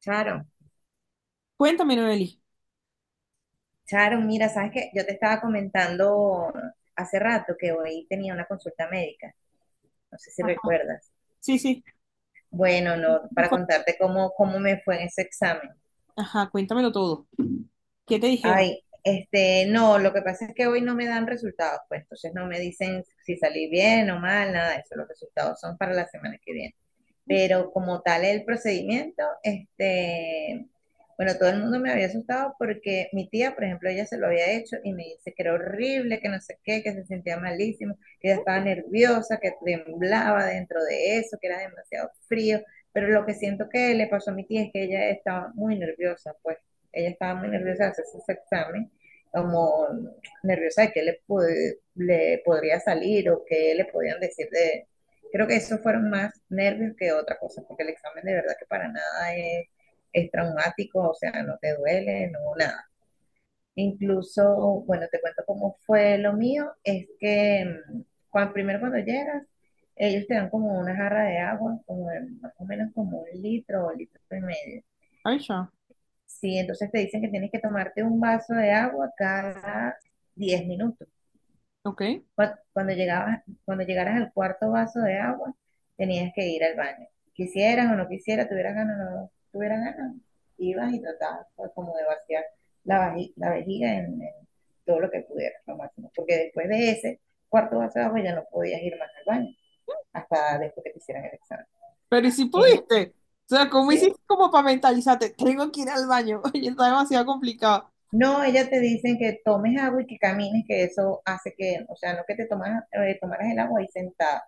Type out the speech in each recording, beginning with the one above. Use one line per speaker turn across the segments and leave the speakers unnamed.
Charo,
Cuéntame, Noeli.
Charo, mira, sabes que yo te estaba comentando hace rato que hoy tenía una consulta médica, no sé si
Ajá.
recuerdas.
Sí, sí.
Bueno, no,
¿Qué
para
fue?
contarte cómo me fue en ese examen.
Ajá, cuéntamelo todo. ¿Qué te dijeron?
Ay, no, lo que pasa es que hoy no me dan resultados, pues entonces no me dicen si salí bien o mal, nada de eso, los resultados son para la semana que viene. Pero como tal el procedimiento, bueno, todo el mundo me había asustado porque mi tía, por ejemplo, ella se lo había hecho y me dice que era horrible, que no sé qué, que se sentía malísimo, que ella estaba nerviosa, que temblaba dentro de eso, que era demasiado frío, pero lo que siento que le pasó a mi tía es que ella estaba muy nerviosa, pues ella estaba muy nerviosa de hacerse ese examen, como nerviosa de qué le, le podría salir o qué le podían decir de. Creo que esos fueron más nervios que otra cosa, porque el examen de verdad que para nada es, es traumático, o sea, no te duele, no, nada. Incluso, bueno, te cuento cómo fue lo mío, es que mm, primero cuando llegas, ellos te dan como una jarra de agua, como más o menos como un litro o litro y medio.
Ay, ya.
Sí, entonces te dicen que tienes que tomarte un vaso de agua cada 10 minutos.
Ok.
Cuando llegabas, cuando llegaras al cuarto vaso de agua, tenías que ir al baño. Quisieras o no quisieras, tuvieras ganas o no tuvieras ganas, ibas y tratabas pues, como de vaciar la vejiga en todo lo que pudieras, lo máximo. Porque después de ese cuarto vaso de agua ya no podías ir más al baño, hasta después que te hicieran el examen.
Pero ¿y si
Eh,
pudiste? O sea, ¿cómo
sí.
hiciste como para mentalizarte? Tengo que ir al baño. Oye, está demasiado complicado.
No, ellas te dicen que tomes agua y que camines, que eso hace que, o sea, no que te tomas, tomaras el agua ahí sentada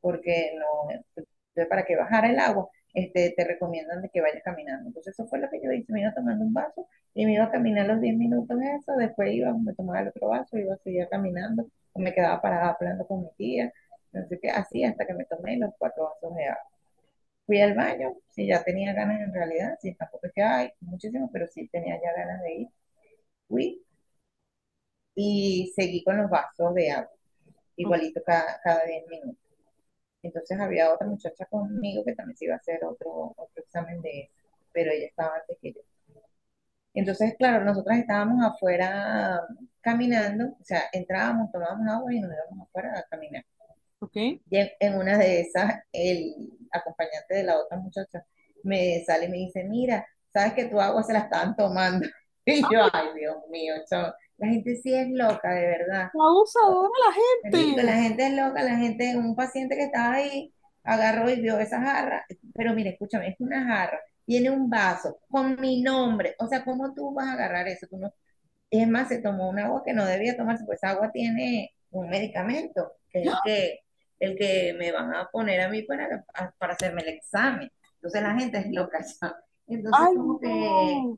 porque no, para que bajara el agua, te recomiendan de que vayas caminando. Entonces eso fue lo que yo hice, me iba tomando un vaso y me iba a caminar los 10 minutos eso, después iba, me tomaba el otro vaso, iba a seguir caminando, me quedaba parada hablando con mi tía, entonces que así hasta que me tomé los cuatro vasos de agua. Fui al baño, sí ya tenía ganas en realidad, sí tampoco es que hay muchísimo, pero sí tenía ya ganas de ir, fui y seguí con los vasos de agua,
O-
igualito cada 10 minutos. Entonces había otra muchacha conmigo que también se iba a hacer otro examen de eso, pero ella estaba antes que yo. Entonces, claro, nosotras estábamos afuera caminando, o sea, entrábamos, tomábamos agua y nos íbamos afuera a caminar.
Ok.
Y en una de esas, el acompañante de la otra muchacha me sale y me dice, mira, sabes que tu agua se la estaban tomando. Y yo, ay, Dios mío, chavo, la gente sí es loca, de verdad.
Abusadora la gente.
Marico, la gente es loca, la gente, un paciente que estaba ahí, agarró y vio esa jarra, pero mire, escúchame, es una jarra, tiene un vaso con mi nombre, o sea, ¿cómo tú vas a agarrar eso? Tú no. Es más, se tomó un agua que no debía tomarse, pues esa agua tiene un medicamento, que es
Ya.
el que me van a poner a mí para hacerme el examen. Entonces la gente es loca, ¿sabes? Entonces
Ay,
como que
no.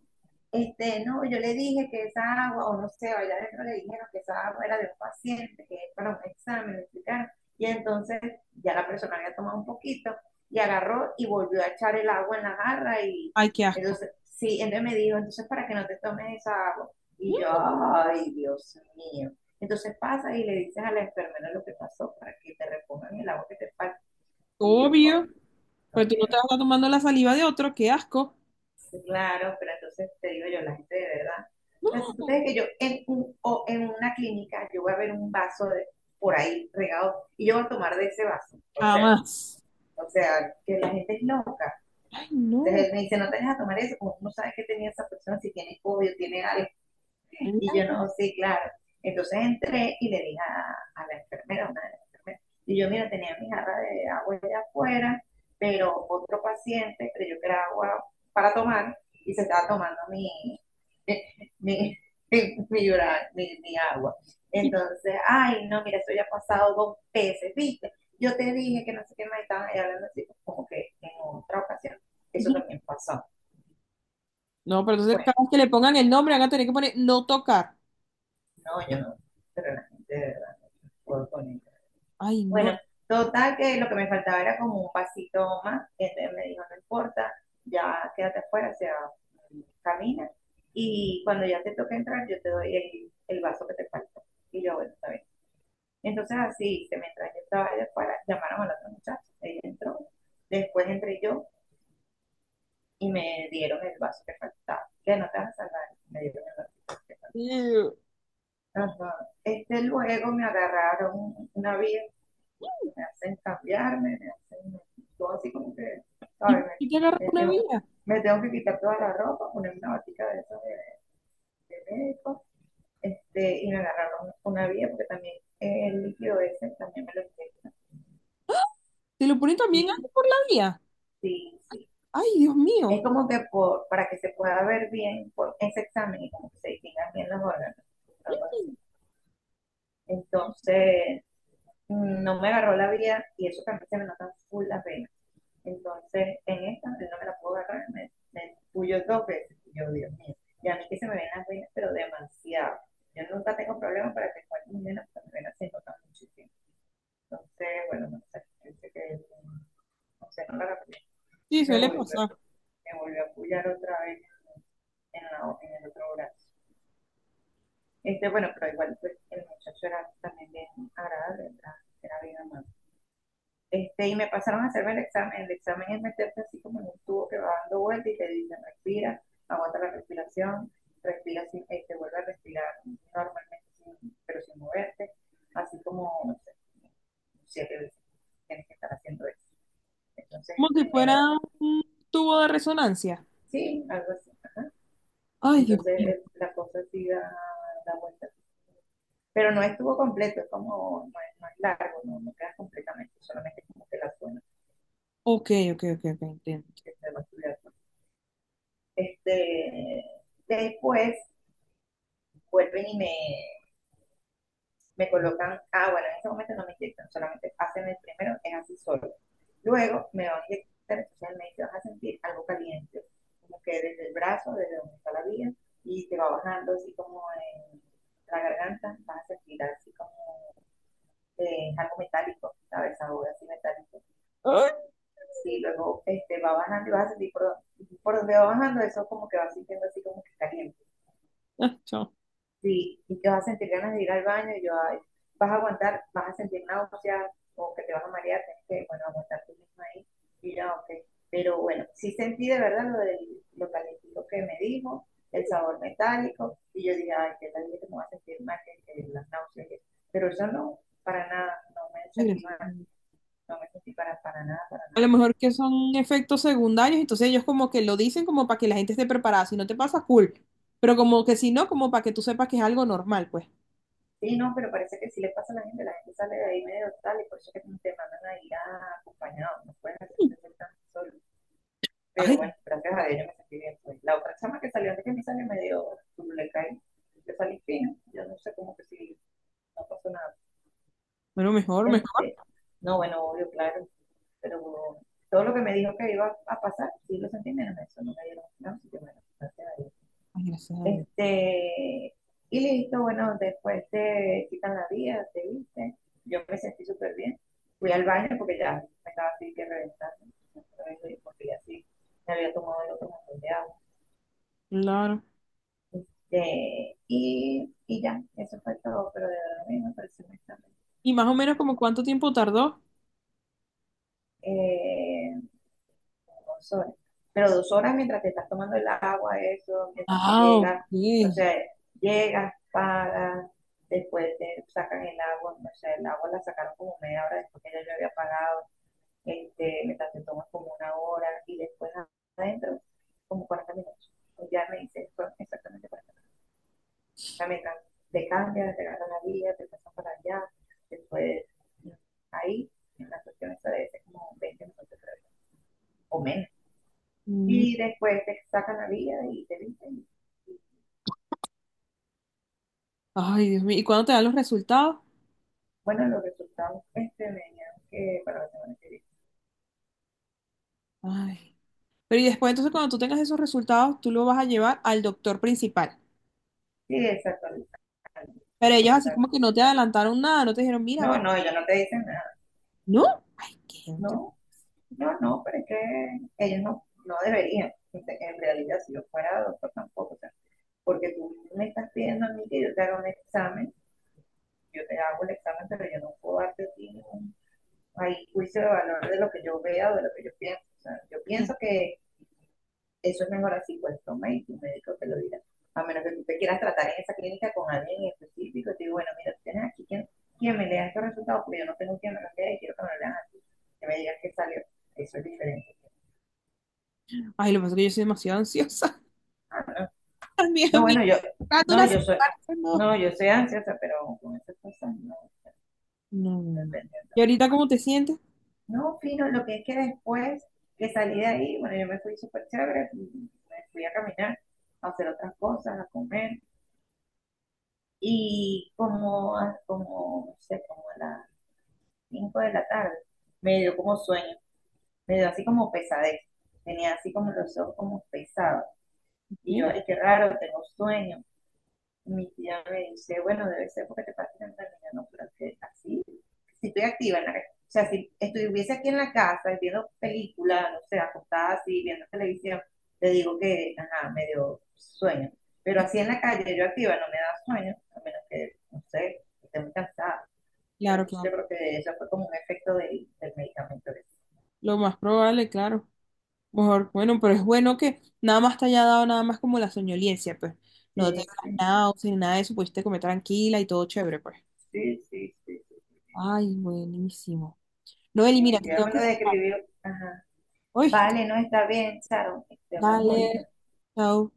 no, yo le dije que esa agua, o no sé, o allá adentro le dijeron que esa agua era de un paciente, que es para un examen, explicaron. Y entonces ya la persona había tomado un poquito y agarró y volvió a echar el agua en la jarra y
Ay, qué asco.
entonces, sí, entonces me dijo, entonces para que no te tomes esa agua. Y
Mm.
yo, ay, Dios mío. Entonces pasa y le dices a la enfermera lo que pasó para que te repongan el agua que te falta. Y yo, coño,
Obvio. Pero tú no
coño.
te vas a estar tomando la saliva de otro. Qué asco.
Claro, pero entonces te digo yo, la gente de verdad. O sea, si tú
No.
crees que yo en, un, o en una clínica, yo voy a ver un vaso de, por ahí regado y yo voy a tomar de ese vaso. O sea,
Jamás.
o sea, que la gente es loca.
Ay,
Entonces
no.
él me dice, no te dejes a tomar eso, como no sabes que tenía esa persona, si tiene COVID, tiene algo. Y yo
Claro.
no, sí, claro. Entonces entré y le dije a la enfermera, una de las enfermeras, y yo, mira, tenía mi jarra de agua allá afuera, pero otro paciente creyó que era agua para tomar y se estaba tomando mi, mi, mi agua. Entonces, ay, no, mira, eso ya ha pasado dos veces, ¿viste? Yo te dije que no sé qué más estaban ahí hablando así, pues, como que en otra ocasión. Eso también pasó.
No, pero entonces
Bueno,
cada vez que le pongan el nombre van a tener que poner no tocar.
no, yo no, pero la gente de verdad puedo poner.
Ay, no.
Bueno, total que lo que me faltaba era como un pasito más. Entonces me dijo, no importa, ya quédate afuera, o sea, camina. Y cuando ya te toque entrar, yo te doy el vaso que te falta. Y yo, bueno, está bien. Entonces así, hice, mientras yo estaba allá afuera, llamaron al otro muchacho, él entró, después entré yo y me dieron el vaso que faltaba. Que no te vas a salvar, me dieron el vaso que
Dios.
faltaba. Ajá. Luego me agarraron una vieja, me hacen cambiarme, me hacen todo así como que,
¿Y por
¿sabes?
qué te
Me,
agarran
me
una
tengo,
vía?
me tengo que quitar toda la ropa, poner una batica de esas de médico, y me agarraron una vía porque también el líquido ese también me lo inyectan.
¿Te lo ponen también ahí
Sí,
por la vía?
sí, sí.
Ay, Dios
Es
mío.
como que por, para que se pueda ver bien por ese examen y como que se distingan bien los órganos, algo así. Entonces, no me agarró la vía y eso también se me notan full las venas. Entonces, en esta, él no me la puedo agarrar, me puyó dos veces. Y yo, Dios mío, y a mí que se me ven las venas, pero demasiado. Yo nunca tengo problemas para que cualquier mujer pero me venas se notan muchísimo. Entonces, bueno, no sé, yo que, no sé, no la agarré.
Sí,
Me
suele
volvió,
pasar.
me volvió a puyar otra vez en, la, en el otro brazo. Bueno, pero igual pues, el muchacho era también bien agradable, era, era bien amable. Y me pasaron a hacerme el examen. El examen es meterte así como en un tubo que va dando vuelta y te dicen respira, aguanta la respiración, respira sin, vuelve a respirar normalmente, pero sin moverte, así como, no sé, siete veces tienes que estar haciendo eso. Entonces,
Como si fuera
primero,
un tubo de resonancia.
sí, algo así, ajá.
Ay, Dios.
Entonces, la cosa sí da vuelta. Pero no estuvo completo, es como, no es, largo, no, no quedas completamente, solamente como que la zona
Ok, ok, ok, ok, entiendo.
que se va a estudiar. Este, después vuelven y me colocan, ah, bueno, en ese momento no me inyectan, solamente hacen el primero, es así solo. Luego me van a inyectar, entonces me vas a sentir algo caliente, como que desde el brazo, desde donde está la vía, y te va bajando así como en la garganta, vas a sentir así como algo metálico, ¿sabes? Sabor así metálico.
Ay,
Sí, luego va bajando y vas a sentir por donde va bajando, eso como que vas sintiendo así como que caliente.
ah, chao.
Sí, y te vas a sentir ganas de ir al baño y yo, ay, vas a aguantar, vas a sentir náuseas o que te vas a marear, tienes que, bueno, aguantar tú mismo ahí. Y yo, ok. Pero bueno, sí sentí de verdad lo calentito que me dijo, el sabor metálico, y yo dije, ay, qué tal que me voy a sentir mal, que las náuseas. Y eso. Pero yo no, para nada, no me sentí
Regreso.
mal, no me sentí para nada, para
A lo
nada.
mejor que son efectos secundarios, entonces ellos como que lo dicen como para que la gente esté preparada. Si no te pasa, cool. Pero como que si no, como para que tú sepas que es algo normal, pues.
Sí, no, pero parece que si le pasa a la gente sale de ahí medio tal, y por eso que te mandan a ir acompañado, no puedes hacerte tan solo.
Ay,
Pero bueno, gracias a Dios yo me sentí bien. Pues. La otra chama que salió antes que me salió medio turuleca y yo salí fino. Yo no sé cómo que si no pasó nada.
pero mejor, mejor.
Este, no, bueno, obvio, claro. Pero todo lo que me dijo que iba a pasar, sí lo sentí menos. Eso no me dieron nada, así que bueno, gracias a Dios.
Ay, gracias a Dios.
Este, y listo, bueno, después te quitan la vía, te viste. Yo me sentí súper bien. Fui al baño porque ya me estaba así que reventando. Porque ya sí me había tomado el otro montón de agua.
Claro.
Y ya, eso fue todo, pero de verdad a mí me pareció muy tarde.
¿Y más o menos como cuánto tiempo tardó?
Eh, 2 horas. Pero 2 horas mientras te estás tomando el agua, eso, mientras que
Ah,
llegas, no
ok.
sé, llegas, pagas, después te sacan el agua, no sé, el agua la sacaron como media hora después que ya yo había pagado, mientras te tomas como 1 hora y después adentro, como 40 minutos. Pues ya me hice, fueron exactamente 40 minutos. O sea, mientras te cambias, te ganas la vida, te pasas para allá, después no, ahí, en la cuestión esa debe ser como 20 minutos o menos.
Mm.
Y después te sacan la vida y te dicen, y,
Ay, Dios mío. ¿Y cuándo te dan los resultados?
bueno, los resultados me dijeron que para la semana que viene.
Ay. Pero y después, entonces, cuando tú tengas esos resultados, tú lo vas a llevar al doctor principal.
Sí, exacto.
Pero ellos así como que no te adelantaron nada, no te dijeron, mira,
No,
bueno,
no, ellos no te dicen nada.
no. Ay, qué. No te-
No, no, no, pero es que ellos no, no deberían. En realidad, si yo fuera doctor, tampoco. O sea, porque tú me estás pidiendo a mí que yo te haga un examen, yo te hago el examen, pero yo no puedo darte a ti ningún ahí, juicio de valor de lo que yo vea o de lo que yo pienso. O sea, yo
no.
pienso que eso es mejor así, pues toma y tu médico te lo dirá. A menos que tú te quieras tratar en esa clínica con alguien en específico, te digo, bueno, mira, tienes aquí quien, me lea estos resultados, porque yo no tengo quien me los lea y quiero que me lo lean así. Que me digas que salió. Eso es diferente.
Ay, lo que pasa es que yo soy demasiado ansiosa.
No,
También
no
a
bueno, yo,
tanto
no,
una
yo soy,
semana, no.
no, yo soy ansiosa, pero con esas cosas no,
No, no, no.
depende.
¿Y ahorita cómo te sientes?
No, fino, lo que es que después que salí de ahí, bueno, yo me fui súper chévere, me fui a caminar, a hacer otras cosas, a comer. Y como, como, no sé, como a las 5 de la tarde, me dio como sueño, me dio así como pesadez, tenía así como los ojos como pesados. Y yo,
Sí.
ay, qué raro, tengo sueño. Mi tía me dice, bueno, debe ser porque te pasas en realidad, no, pero que así, si estoy activa en la o sea, si estuviese aquí en la casa viendo películas, no sé, acostada así, viendo televisión, le digo que, ajá, me dio sueño. Pero así en la calle, yo activa, no me da sueño, a menos que, no sé, esté muy cansada. Pero
Claro,
entonces
claro.
yo creo que eso fue como un efecto del medicamento.
Lo más probable, claro. Por- bueno, pero es bueno que nada más te haya dado nada más como la soñolencia, pues. No te
Sí,
dio
sí,
náuseas ni nada de eso, pudiste comer tranquila y todo chévere, pues.
sí, sí, sí. Sí.
Ay, buenísimo.
Y
Noeli, mira,
mi
te
tía
tengo
me
que
lo
dejar.
describió. Ajá.
Uy,
Vale, no está bien, Sharon, te hablamos ahorita.
dale. Chao.